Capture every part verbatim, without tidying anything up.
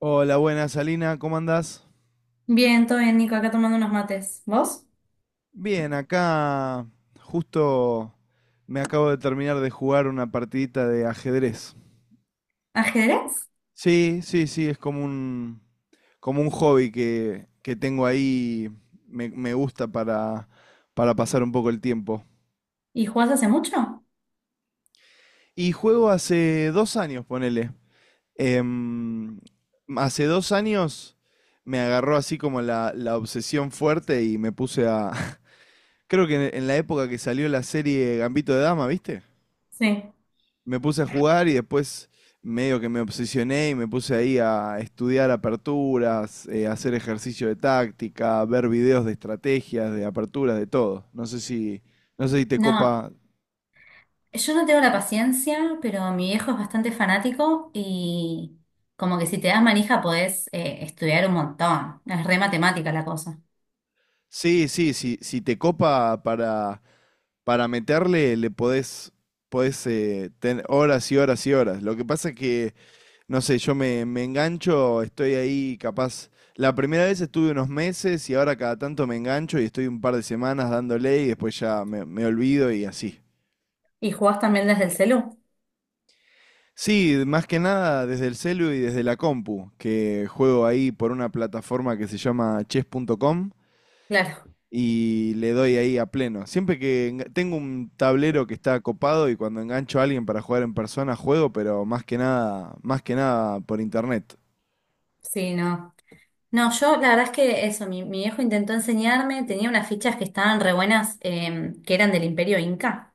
Hola, buenas, Alina, ¿cómo andás? Bien, todo bien, Nico, acá tomando unos mates. ¿Vos? Bien, acá justo me acabo de terminar de jugar una partidita de ajedrez. ¿Ajedrez? Sí, sí, sí, es como un, como un hobby que, que tengo ahí, me, me gusta para, para pasar un poco el tiempo. ¿Y jugás hace mucho? Y juego hace dos años, ponele. Em, Hace dos años me agarró así como la, la obsesión fuerte y me puse a. Creo que en en la época que salió la serie Gambito de Dama, ¿viste? Sí. Me puse a jugar y después medio que me obsesioné y me puse ahí a estudiar aperturas, eh, hacer ejercicio de táctica, ver videos de estrategias, de aperturas, de todo. No sé si, no sé si te No, copa. yo no tengo la paciencia, pero mi viejo es bastante fanático y como que si te das manija podés eh, estudiar un montón. Es re matemática la cosa. Sí, sí, sí, si te copa para, para meterle, le podés, podés eh, tener horas y horas y horas. Lo que pasa es que no sé, yo me, me engancho, estoy ahí capaz. La primera vez estuve unos meses y ahora cada tanto me engancho y estoy un par de semanas dándole y después ya me, me olvido y así. ¿Y jugás también desde el celu? Sí, más que nada desde el celu y desde la compu, que juego ahí por una plataforma que se llama chess punto com Claro, y le doy ahí a pleno. Siempre que enga- tengo un tablero que está copado y cuando engancho a alguien para jugar en persona juego, pero más que nada, más que nada por internet. sí, no. No, yo la verdad es que eso, mi, mi viejo intentó enseñarme, tenía unas fichas que estaban re buenas, em, que eran del Imperio Inca.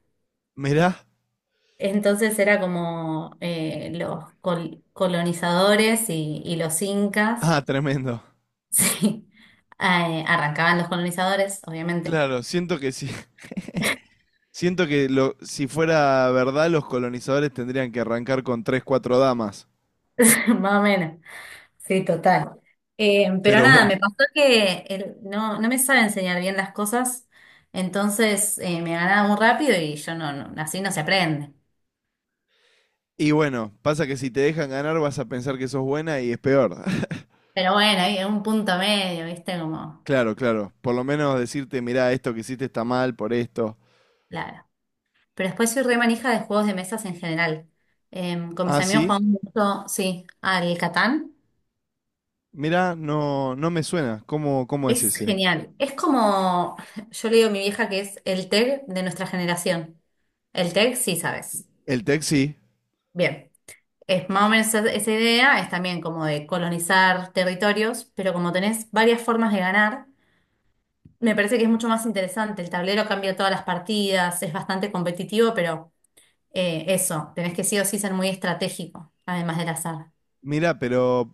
Mirá, Entonces era como eh, los col- colonizadores y, y los incas, ah, tremendo. sí, Eh, arrancaban los colonizadores, obviamente, Claro, siento que sí. Siento que, lo, si fuera verdad, los colonizadores tendrían que arrancar con tres, cuatro damas. más o menos, sí, total. Eh, pero Pero nada, bueno. me pasó que el- no, no me sabe enseñar bien las cosas, entonces eh, me ganaba muy rápido y yo no, no- así no se aprende. Y bueno, pasa que si te dejan ganar vas a pensar que sos buena y es peor. Pero bueno, hay un punto medio, ¿viste? Como, Claro, claro. Por lo menos decirte, mirá, esto que hiciste está mal por esto. claro. Pero después soy re manija de juegos de mesas en general. Em, con mis Ah, amigos sí. jugamos mucho, sí, al Catán. Mirá, no, no me suena. ¿Cómo, cómo es Es ese? genial. Es como, yo le digo a mi vieja que es el T E G de nuestra generación. El T E G, sí, sabes. El tech, sí. Bien. Es más o menos esa, esa idea, es también como de colonizar territorios, pero como tenés varias formas de ganar, me parece que es mucho más interesante. El tablero cambia todas las partidas, es bastante competitivo, pero eh, eso, tenés que sí o sí ser muy estratégico, además del azar. Mirá, pero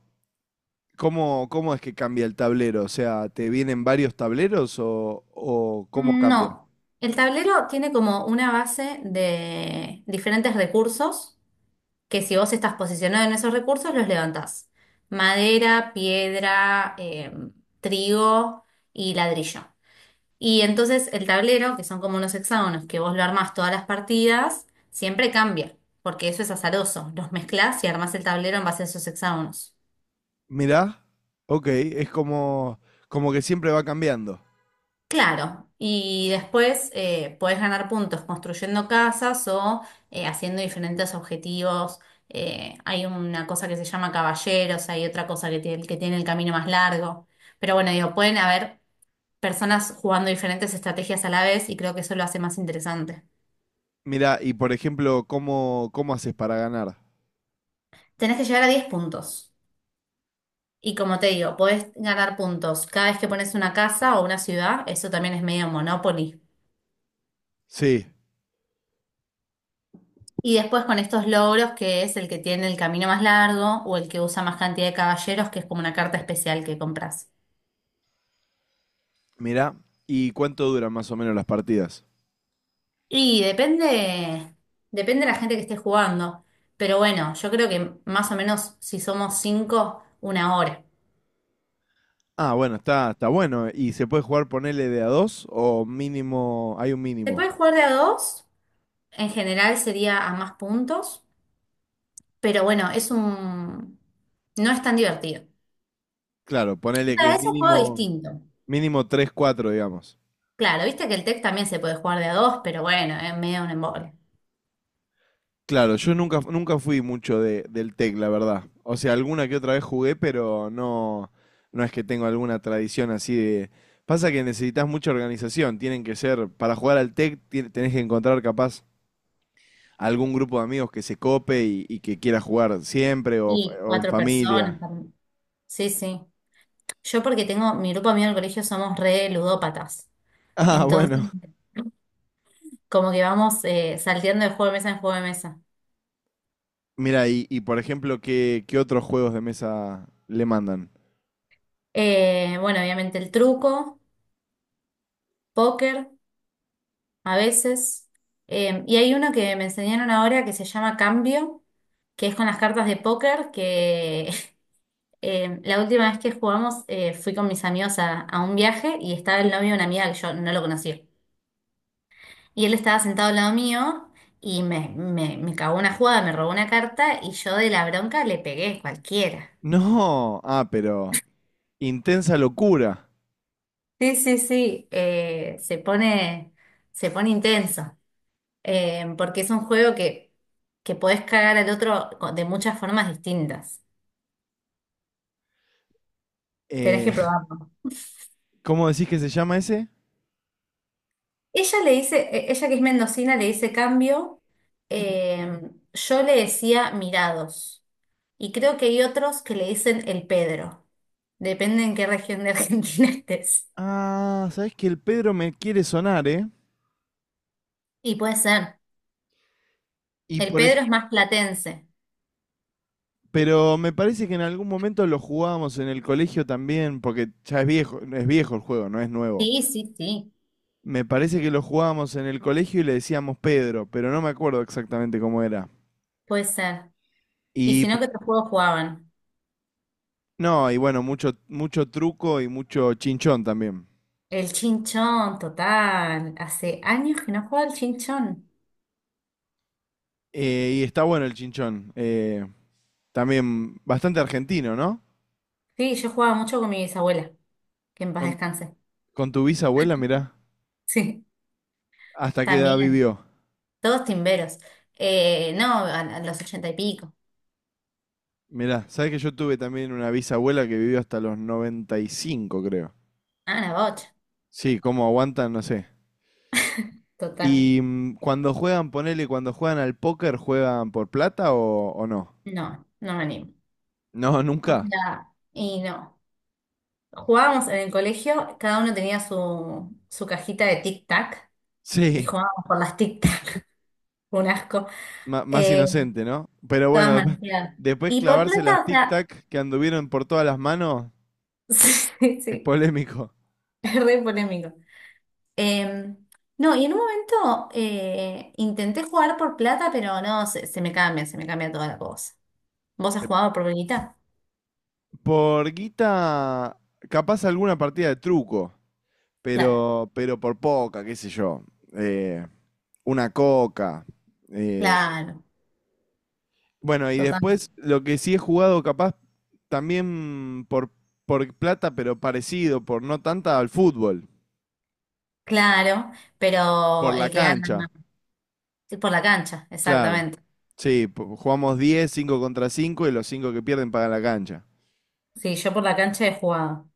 ¿cómo, cómo es que cambia el tablero? O sea, ¿te vienen varios tableros o, o cómo cambia? No, el tablero tiene como una base de diferentes recursos que si vos estás posicionado en esos recursos los levantás. Madera, piedra, eh, trigo y ladrillo. Y entonces el tablero, que son como unos hexágonos que vos lo armás todas las partidas, siempre cambia, porque eso es azaroso. Los mezclás y armás el tablero en base a esos hexágonos. Mirá, ok, es como, como que siempre va cambiando. Claro, y después eh, puedes ganar puntos construyendo casas o eh, haciendo diferentes objetivos. Eh, hay una cosa que se llama caballeros, hay otra cosa que tiene, que tiene el camino más largo. Pero bueno, digo, pueden haber personas jugando diferentes estrategias a la vez y creo que eso lo hace más interesante. Mirá, y por ejemplo, ¿cómo, cómo haces para ganar? Tenés que llegar a diez puntos. Y como te digo, podés ganar puntos cada vez que pones una casa o una ciudad. Eso también es medio Monopoly. Sí, Y después con estos logros, que es el que tiene el camino más largo o el que usa más cantidad de caballeros, que es como una carta especial que compras. mirá, ¿y cuánto duran más o menos las partidas? Y depende, depende de la gente que esté jugando. Pero bueno, yo creo que más o menos si somos cinco, una hora. Ah, bueno, está, está bueno. ¿Y se puede jugar ponele de a dos o mínimo, hay un Se mínimo? puede jugar de a dos, en general sería a más puntos, pero bueno, es un no es tan divertido. Claro, O ponele que sea, es un juego mínimo, distinto. mínimo tres cuatro, digamos. Claro, viste que el T E C también se puede jugar de a dos, pero bueno, es medio un embole. Claro, yo nunca, nunca fui mucho de, del tec, la verdad. O sea, alguna que otra vez jugué, pero no, no es que tengo alguna tradición así de. Pasa que necesitas mucha organización, tienen que ser, para jugar al tec ti- tenés que encontrar capaz algún grupo de amigos que se cope y, y que quiera jugar siempre o, fa- Y o en cuatro familia. personas. Sí, sí. Yo porque tengo, mi grupo mío del colegio somos re ludópatas. Ah, bueno. Entonces, como que vamos eh, salteando de juego de mesa en juego de mesa. Mira, y, y por ejemplo, ¿qué, qué otros juegos de mesa le mandan? Eh, bueno, obviamente el truco, póker, a veces. Eh, y hay uno que me enseñaron ahora que se llama Cambio, que es con las cartas de póker, que eh, la última vez que jugamos eh, fui con mis amigos a, a un viaje y estaba el novio de una amiga que yo no lo conocía. Y él estaba sentado al lado mío y me, me, me cagó una jugada, me robó una carta y yo de la bronca le pegué cualquiera. No, ah, pero. Intensa locura. Sí, sí, sí, eh, se pone, se pone intenso, eh, porque es un juego que, que podés cagar al otro co- de muchas formas distintas. Tenés Eh, que probar. ¿Cómo decís que se llama ese? Ella le dice, eh, ella que es mendocina le dice cambio, eh, yo le decía mirados. Y creo que hay otros que le dicen el Pedro. Depende en qué región de Argentina estés. Ah, sabes que el Pedro me quiere sonar, ¿eh? Y puede ser. Y El por ej- Pedro es más platense. pero me parece que en algún momento lo jugábamos en el colegio también, porque ya es viejo, es viejo el juego, no es nuevo. Sí, sí, sí, Me parece que lo jugábamos en el colegio y le decíamos Pedro, pero no me acuerdo exactamente cómo era. puede ser. Y Y si p- no, ¿qué otros juegos jugaban? no, y bueno, mucho, mucho truco y mucho chinchón también. El chinchón, total. Hace años que no jugaba el chinchón. Eh, y está bueno el chinchón. eh, también bastante argentino, ¿no? Sí, yo jugaba mucho con mi bisabuela, que en paz Con, descanse. con tu bisabuela, mirá, Sí, hasta qué edad también. vivió. Todos timberos. Eh, no, a, a los ochenta y pico. Mirá, sabes que yo tuve también una bisabuela que vivió hasta los noventa y cinco, creo. Ah, la bocha. Sí, cómo aguantan, no sé. Total. Y mm, cuando juegan, ponele, cuando juegan al póker, ¿juegan por plata o, o no? No, no me animo. No, O nunca. sea, y no. Jugábamos en el colegio, cada uno tenía su, su cajita de tic-tac y Sí, jugábamos por las tic-tac. Un asco. ma- más Eh, inocente, ¿no? Pero Todas bueno, después, manoseadas. después Y por clavarse las plata, o sea, tic-tac que anduvieron por todas las manos, sí, sí, es sí, polémico. es re polémico. Eh, no, y en un momento eh, intenté jugar por plata, pero no, se, se me cambia, se me cambia toda la cosa. ¿Vos has Eh, jugado por guita? Por guita, capaz alguna partida de truco, Claro. pero, pero por poca, qué sé yo. Eh, una coca. eh, Claro, bueno, y total, después lo que sí he jugado capaz también por, por plata, pero parecido, por no tanta, al fútbol, claro, por pero la el que gana cancha, es por la cancha, claro. exactamente. Sí, po- jugamos diez, cinco contra cinco, y los cinco que pierden pagan la cancha. Sí, yo por la cancha he jugado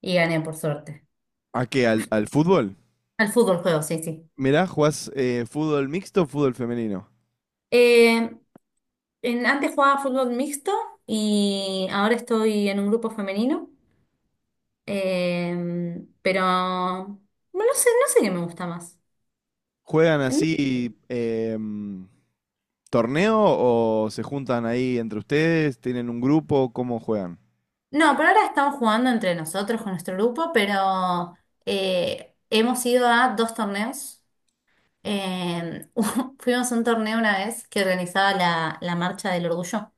y gané por suerte. ¿A qué? ¿Al, al fútbol? Al fútbol juego, sí, sí. Mirá, ¿jugás eh, fútbol mixto o fútbol femenino? Eh, en- antes jugaba fútbol mixto y ahora estoy en un grupo femenino, eh, pero bueno, no sé, no sé qué me gusta más. ¿Juegan así em, torneo o se juntan ahí entre ustedes? ¿Tienen un grupo? ¿Cómo juegan? No, pero ahora estamos jugando entre nosotros con nuestro grupo, pero eh, hemos ido a dos torneos. Eh, Fuimos a un torneo una vez que organizaba la, la Marcha del Orgullo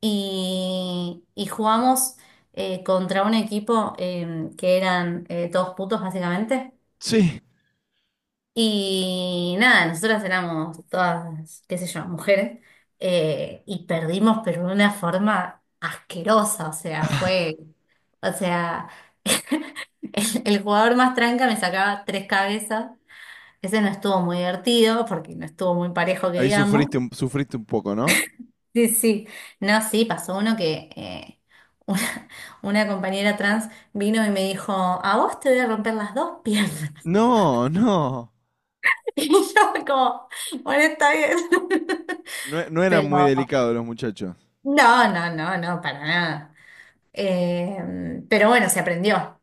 y, y jugamos eh, contra un equipo eh, que eran eh, todos putos básicamente. Sí, Y nada, nosotras éramos todas, qué sé yo, mujeres eh, y perdimos pero de una forma asquerosa, o sea, fue, o sea, el, el jugador más tranca me sacaba tres cabezas. Ese no estuvo muy divertido porque no estuvo muy parejo que ahí digamos. sufriste un, sufriste un poco, ¿no? Sí, sí. No, sí, pasó uno que eh, una, una compañera trans vino y me dijo, a vos te voy a romper las dos piernas. No, no. Y yo fue como, bueno, está bien. No, e- no eran Pero muy delicados los muchachos. no, no, no, no, para nada. Eh, pero bueno, se aprendió.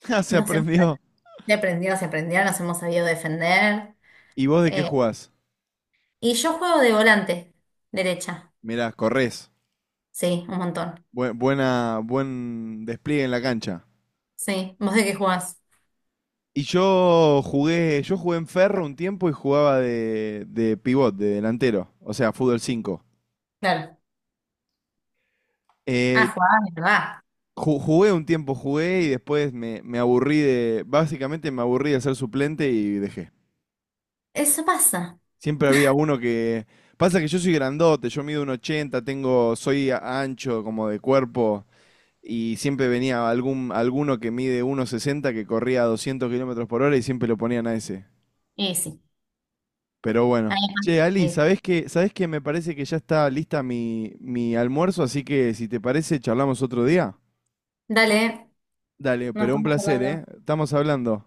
Ah, se Nos hemos, aprendió. se aprendió, se aprendió, nos hemos sabido defender. ¿Y vos de qué Eh, jugás? y yo juego de volante, derecha. Mirá, corres. Sí, un montón. buena, buen despliegue en la cancha. Sí. ¿Vos de qué jugás? Y yo jugué, yo jugué en Ferro un tiempo y jugaba de, de pivot, de delantero, o sea, fútbol cinco. Claro. Ah, Eh, jugaba, ¿verdad? ju- jugué un tiempo, jugué y después me, me aburrí de, básicamente me aburrí de ser suplente y dejé. Eso pasa. Siempre había uno que. Pasa que yo soy grandote, yo mido un ochenta, tengo, soy a- ancho como de cuerpo, y siempre venía algún, alguno que mide uno sesenta, que corría a doscientos kilómetros por hora, y siempre lo ponían a ese. Y sí. Pero bueno. Ahí va. Che, Ali, Y- sí. ¿sabés qué? ¿Sabés qué? Me parece que ya está lista mi, mi almuerzo, así que si te parece, charlamos otro día. Dale, Dale, nos pero un estamos placer, ¿eh? hablando. Estamos hablando.